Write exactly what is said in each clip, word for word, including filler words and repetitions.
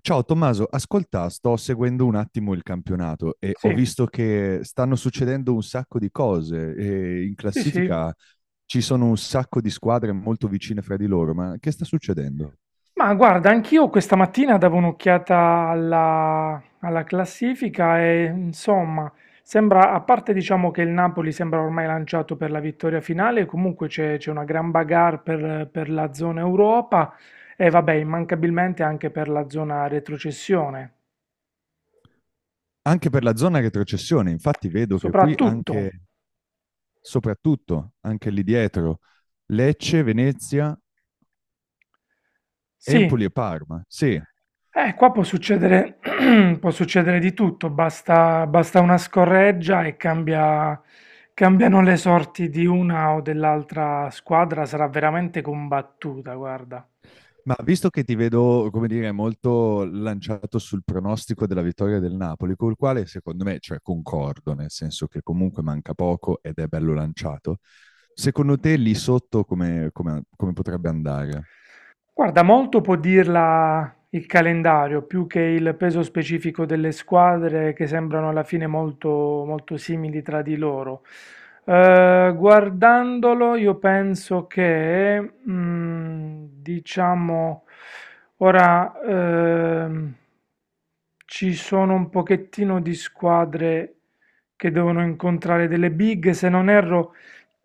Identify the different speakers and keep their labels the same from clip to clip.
Speaker 1: Ciao Tommaso, ascolta, sto seguendo un attimo il campionato e
Speaker 2: Sì,
Speaker 1: ho visto che stanno succedendo un sacco di cose e in
Speaker 2: sì, sì.
Speaker 1: classifica ci sono un sacco di squadre molto vicine fra di loro, ma che sta succedendo?
Speaker 2: Ma guarda, anch'io questa mattina davo un'occhiata alla, alla classifica e insomma, sembra, a parte diciamo che il Napoli sembra ormai lanciato per la vittoria finale, comunque c'è c'è una gran bagarre per, per la zona Europa e vabbè, immancabilmente anche per la zona retrocessione.
Speaker 1: Anche per la zona retrocessione, infatti vedo che qui
Speaker 2: Soprattutto,
Speaker 1: anche, soprattutto, anche lì dietro, Lecce, Venezia,
Speaker 2: sì.
Speaker 1: Empoli e Parma. Sì.
Speaker 2: Eh, qua può succedere, può succedere di tutto, basta, basta una scorreggia e cambia- cambiano le sorti di una o dell'altra squadra, sarà veramente combattuta, guarda.
Speaker 1: Ma visto che ti vedo, come dire, molto lanciato sul pronostico della vittoria del Napoli, col quale secondo me, cioè concordo, nel senso che comunque manca poco ed è bello lanciato, secondo te lì sotto come, come- come potrebbe andare?
Speaker 2: Guarda, molto può dirla il calendario, più che il peso specifico delle squadre che sembrano alla fine molto, molto simili tra di loro. Eh, guardandolo, io penso che, mm, diciamo, ora ehm, ci sono un pochettino di squadre che devono incontrare delle big, se non erro,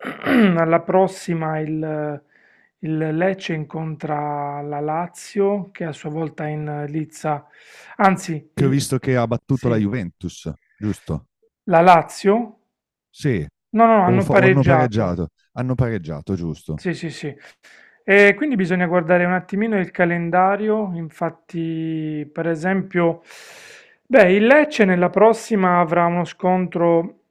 Speaker 2: alla prossima il il Lecce incontra la Lazio che a sua volta è in lizza, anzi,
Speaker 1: Che ho
Speaker 2: il,
Speaker 1: visto che ha battuto la
Speaker 2: sì,
Speaker 1: Juventus, giusto?
Speaker 2: la Lazio?
Speaker 1: Sì,
Speaker 2: No, no, no,
Speaker 1: o,
Speaker 2: hanno
Speaker 1: fa- o hanno
Speaker 2: pareggiato.
Speaker 1: pareggiato? Hanno pareggiato, giusto?
Speaker 2: Sì, sì, sì. E quindi bisogna guardare un attimino il calendario. Infatti, per esempio, beh, il Lecce nella prossima avrà uno scontro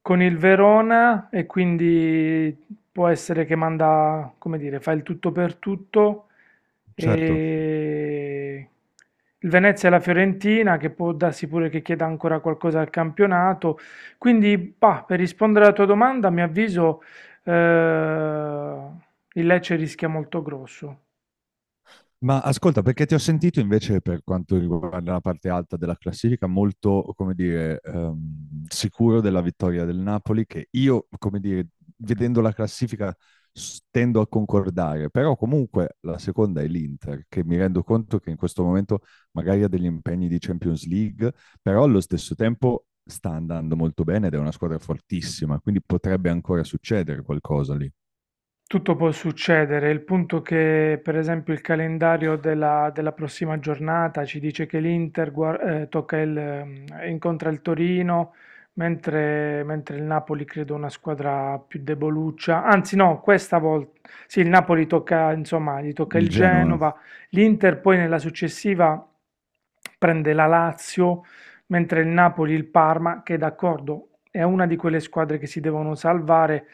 Speaker 2: con il Verona e quindi può essere che manda, come dire, fa il tutto per tutto.
Speaker 1: Certo.
Speaker 2: E il Venezia e la Fiorentina, che può darsi pure che chieda ancora qualcosa al campionato. Quindi, bah, per rispondere alla tua domanda, mi avviso. Eh, il Lecce rischia molto grosso.
Speaker 1: Ma ascolta, perché ti ho sentito invece per quanto riguarda la parte alta della classifica molto, come dire, ehm, sicuro della vittoria del Napoli, che io, come dire, vedendo la classifica s- tendo a concordare, però comunque la seconda è l'Inter, che mi rendo conto che in questo momento magari ha degli impegni di Champions League, però allo stesso tempo sta andando molto bene ed è una squadra fortissima, quindi potrebbe ancora succedere qualcosa lì.
Speaker 2: Tutto può succedere, il punto che per esempio il calendario della, della prossima giornata ci dice che l'Inter gua- eh, tocca il, ehm, incontra il Torino, mentre, mentre il Napoli credo una squadra più deboluccia, anzi no, questa volta sì, il Napoli tocca, insomma, gli tocca il
Speaker 1: Il Genoa.
Speaker 2: Genova, l'Inter poi nella successiva prende la Lazio, mentre il Napoli il Parma, che d'accordo è una di quelle squadre che si devono salvare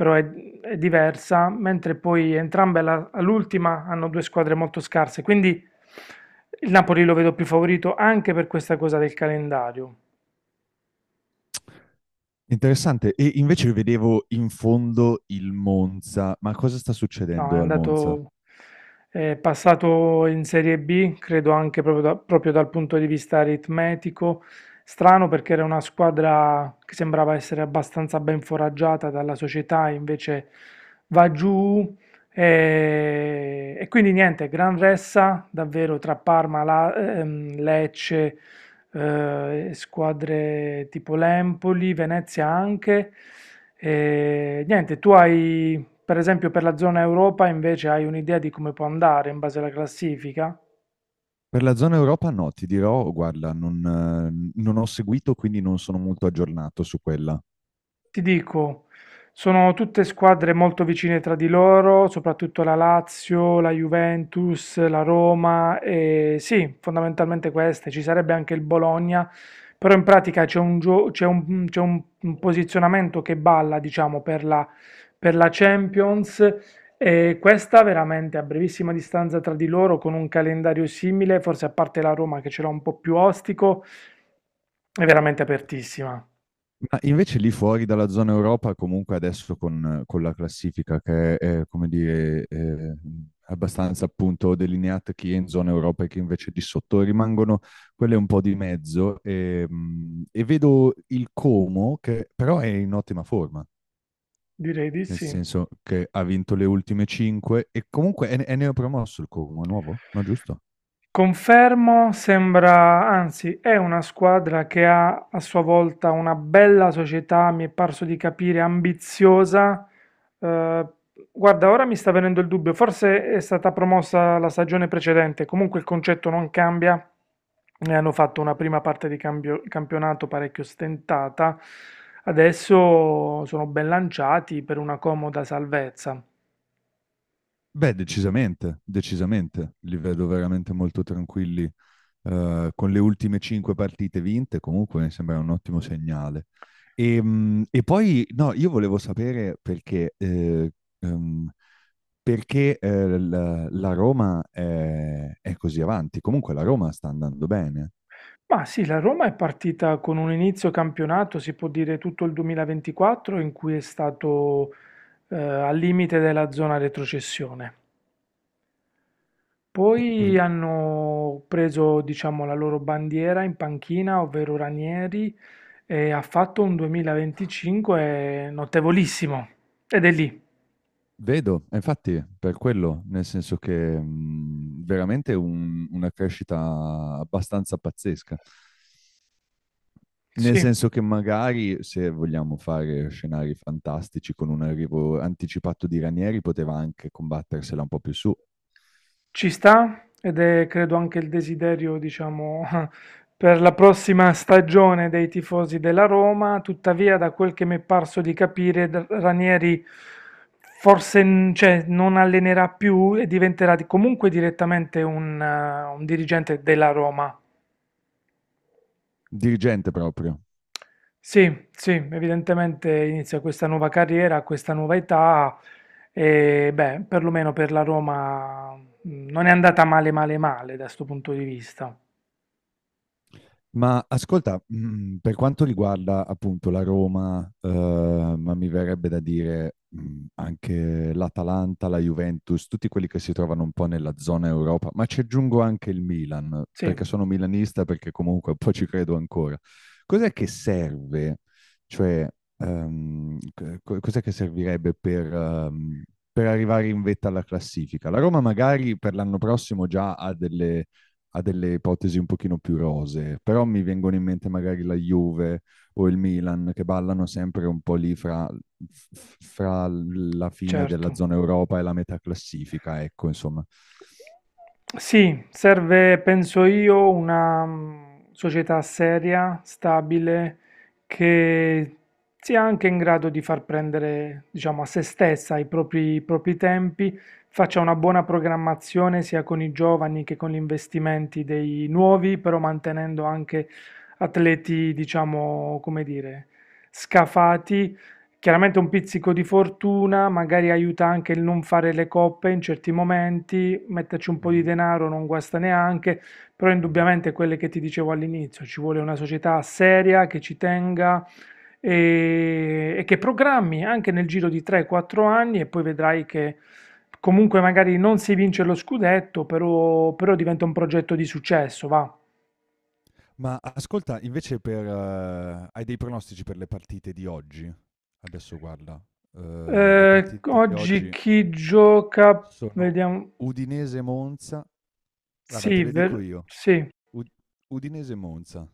Speaker 2: però è, è diversa, mentre poi entrambe alla- all'ultima hanno due squadre molto scarse, quindi il Napoli lo vedo più favorito anche per questa cosa del calendario.
Speaker 1: Interessante. E invece vedevo in fondo il Monza. Ma cosa sta
Speaker 2: No, è
Speaker 1: succedendo al Monza?
Speaker 2: andato, è passato in Serie B, credo anche proprio, da- proprio dal punto di vista aritmetico. Strano perché era una squadra che sembrava essere abbastanza ben foraggiata dalla società, invece va giù. E, e quindi niente, gran ressa davvero tra Parma, La- ehm, Lecce, eh, squadre tipo l'Empoli, Venezia anche. E niente, tu hai. Per esempio per la zona Europa invece hai un'idea di come può andare in base alla classifica?
Speaker 1: Per la zona Europa no, ti dirò, guarda, non, eh, non ho seguito, quindi non sono molto aggiornato su quella.
Speaker 2: Ti dico, sono tutte squadre molto vicine tra di loro, soprattutto la Lazio, la Juventus, la Roma e sì, fondamentalmente queste. Ci sarebbe anche il Bologna, però in pratica c'è un, gio- c'è un- c'è un- un posizionamento che balla, diciamo, per la, per la Champions e questa veramente a brevissima distanza tra di loro con un calendario simile, forse a parte la Roma che ce l'ha un po' più ostico, è veramente apertissima.
Speaker 1: Ma invece lì fuori dalla zona Europa, comunque adesso con, con la classifica che è, eh, come dire, eh, abbastanza appunto delineata chi è in zona Europa e chi invece di sotto, rimangono quelle un po' di mezzo. E, mm, e vedo il Como che però è in ottima forma.
Speaker 2: Direi di
Speaker 1: Nel
Speaker 2: sì.
Speaker 1: senso che ha vinto le ultime cinque e comunque è, è neopromosso il Como, è nuovo, no giusto?
Speaker 2: Confermo, sembra, anzi è una squadra che ha a sua volta una bella società, mi è parso di capire, ambiziosa. Eh, Guarda, ora mi sta venendo il dubbio, forse è stata promossa la stagione precedente, comunque il concetto non cambia. Ne hanno fatto una prima parte di cambio- campionato parecchio stentata, adesso sono ben lanciati per una comoda salvezza.
Speaker 1: Beh, decisamente, decisamente, li vedo veramente molto tranquilli. Eh, con le ultime cinque partite vinte, comunque mi sembra un ottimo segnale. E, mm, e poi, no, io volevo sapere perché, eh, ehm, perché eh, la, la Roma è, è così avanti. Comunque la Roma sta andando bene.
Speaker 2: Ma sì, la Roma è partita con un inizio campionato, si può dire tutto il duemilaventiquattro, in cui è stato eh, al limite della zona retrocessione.
Speaker 1: Eh.
Speaker 2: Poi hanno preso, diciamo, la loro bandiera in panchina, ovvero Ranieri, e ha fatto un duemilaventicinque notevolissimo. Ed è lì.
Speaker 1: Vedo, e infatti, per quello, nel senso che mh, veramente un- una crescita abbastanza pazzesca. Nel
Speaker 2: Sì.
Speaker 1: senso che magari se vogliamo fare scenari fantastici con un arrivo anticipato di Ranieri, poteva anche combattersela un po' più su.
Speaker 2: Ci sta, ed è credo anche il desiderio, diciamo, per la prossima stagione dei tifosi della Roma. Tuttavia, da quel che mi è parso di capire, D- Ranieri forse, n- cioè, non allenerà più e diventerà di- comunque direttamente un, eh, un dirigente della Roma.
Speaker 1: Dirigente proprio.
Speaker 2: Sì, sì, evidentemente inizia questa nuova carriera, questa nuova età e beh, perlomeno per la Roma mh, non è andata male male male da questo punto di vista.
Speaker 1: Ma ascolta, mm, per quanto riguarda appunto la Roma, eh, ma mi verrebbe da dire mm, anche l'Atalanta, la Juventus, tutti quelli che si trovano un po' nella zona Europa, ma ci aggiungo anche il Milan,
Speaker 2: Sì.
Speaker 1: perché sono milanista, perché comunque un po' ci credo ancora. Cos'è che serve? Cioè, ehm, co- cos'è che servirebbe per, ehm, per arrivare in vetta alla classifica? La Roma magari per l'anno prossimo già ha delle a delle ipotesi un pochino più rosee, però mi vengono in mente magari la Juve o il Milan che ballano sempre un po' lì fra, f- fra la fine
Speaker 2: Certo.
Speaker 1: della zona Europa e la metà classifica, ecco, insomma.
Speaker 2: Sì, serve, penso io, una mm, società seria, stabile, che sia anche in grado di far prendere, diciamo, a se stessa i propri, i propri tempi, faccia una buona programmazione sia con i giovani che con gli investimenti dei nuovi, però mantenendo anche atleti, diciamo, come dire, scafati. Chiaramente un pizzico di fortuna, magari aiuta anche il non fare le coppe in certi momenti, metterci un po' di
Speaker 1: Mhm,
Speaker 2: denaro non guasta neanche, però
Speaker 1: mhm.
Speaker 2: indubbiamente quelle che ti dicevo all'inizio, ci vuole una società seria che ci tenga e, e che programmi anche nel giro di tre quattro anni e poi vedrai che comunque magari non si vince lo scudetto, però, però diventa un progetto di successo, va.
Speaker 1: Ma ascolta, invece per, eh, hai dei pronostici per le partite di oggi? Adesso guarda, eh, le
Speaker 2: Eh,
Speaker 1: partite di
Speaker 2: oggi
Speaker 1: oggi
Speaker 2: chi gioca?
Speaker 1: sono
Speaker 2: Vediamo.
Speaker 1: Udinese-Monza. Guarda, te
Speaker 2: Sì,
Speaker 1: le dico
Speaker 2: ver-
Speaker 1: io.
Speaker 2: sì.
Speaker 1: Ud- Udinese-Monza.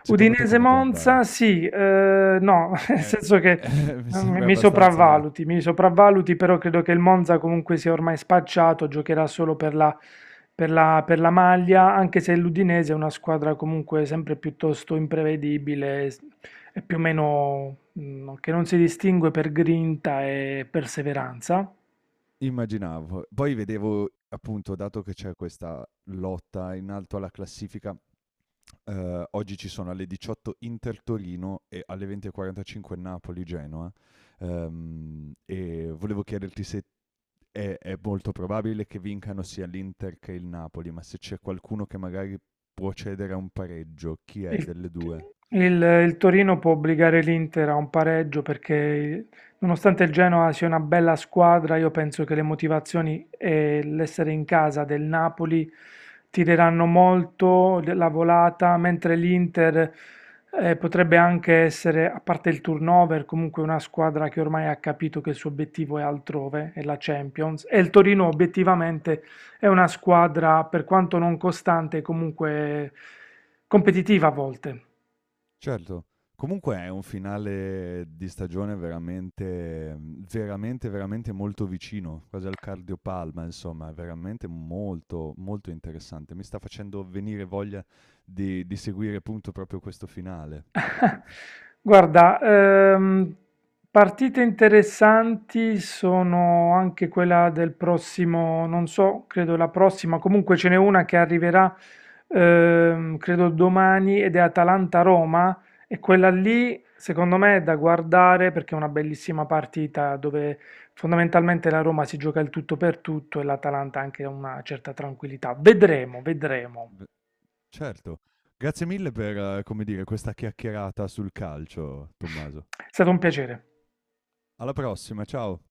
Speaker 1: Secondo te come può andare?
Speaker 2: Udinese-Monza, sì, eh, no, nel
Speaker 1: Eh,
Speaker 2: senso che
Speaker 1: eh, mi
Speaker 2: mm,
Speaker 1: sembra
Speaker 2: mi
Speaker 1: abbastanza
Speaker 2: sopravvaluti, mi sopravvaluti, però credo che il Monza comunque sia ormai spacciato, giocherà solo per la, per la- per la maglia, anche se l'Udinese è una squadra comunque sempre piuttosto imprevedibile, s- è più o meno mm, che non si distingue per grinta e perseveranza.
Speaker 1: immaginavo. Poi vedevo, appunto, dato che c'è questa lotta in alto alla classifica, eh, oggi ci sono alle diciotto Inter Torino e alle venti e quarantacinque Napoli Genoa. Ehm, e volevo chiederti se è, è molto probabile che vincano sia l'Inter che il Napoli, ma se c'è qualcuno che magari può cedere a un pareggio, chi è
Speaker 2: Il,
Speaker 1: delle due?
Speaker 2: il- il Torino può obbligare l'Inter a un pareggio perché, nonostante il Genoa sia una bella squadra, io penso che le motivazioni e l'essere in casa del Napoli tireranno molto de- la volata, mentre l'Inter eh, potrebbe anche essere, a parte il turnover, comunque una squadra che ormai ha capito che il suo obiettivo è altrove, è la Champions, e il Torino obiettivamente è una squadra, per quanto non costante, comunque competitiva a volte.
Speaker 1: Certo. Comunque è un finale di stagione veramente veramente, veramente molto vicino, quasi al cardiopalma, insomma, è veramente molto, molto interessante. Mi sta facendo venire voglia di di seguire appunto proprio questo finale.
Speaker 2: Guarda, ehm, partite interessanti sono anche quella del prossimo, non so, credo la prossima, comunque ce n'è una che arriverà, ehm, credo domani ed è Atalanta-Roma e quella lì secondo me è da guardare perché è una bellissima partita dove fondamentalmente la Roma si gioca il tutto per tutto e l'Atalanta anche una certa tranquillità. Vedremo, vedremo.
Speaker 1: V certo. Grazie mille per, eh, come dire, questa chiacchierata sul calcio, Tommaso.
Speaker 2: È stato un piacere.
Speaker 1: Alla prossima, ciao.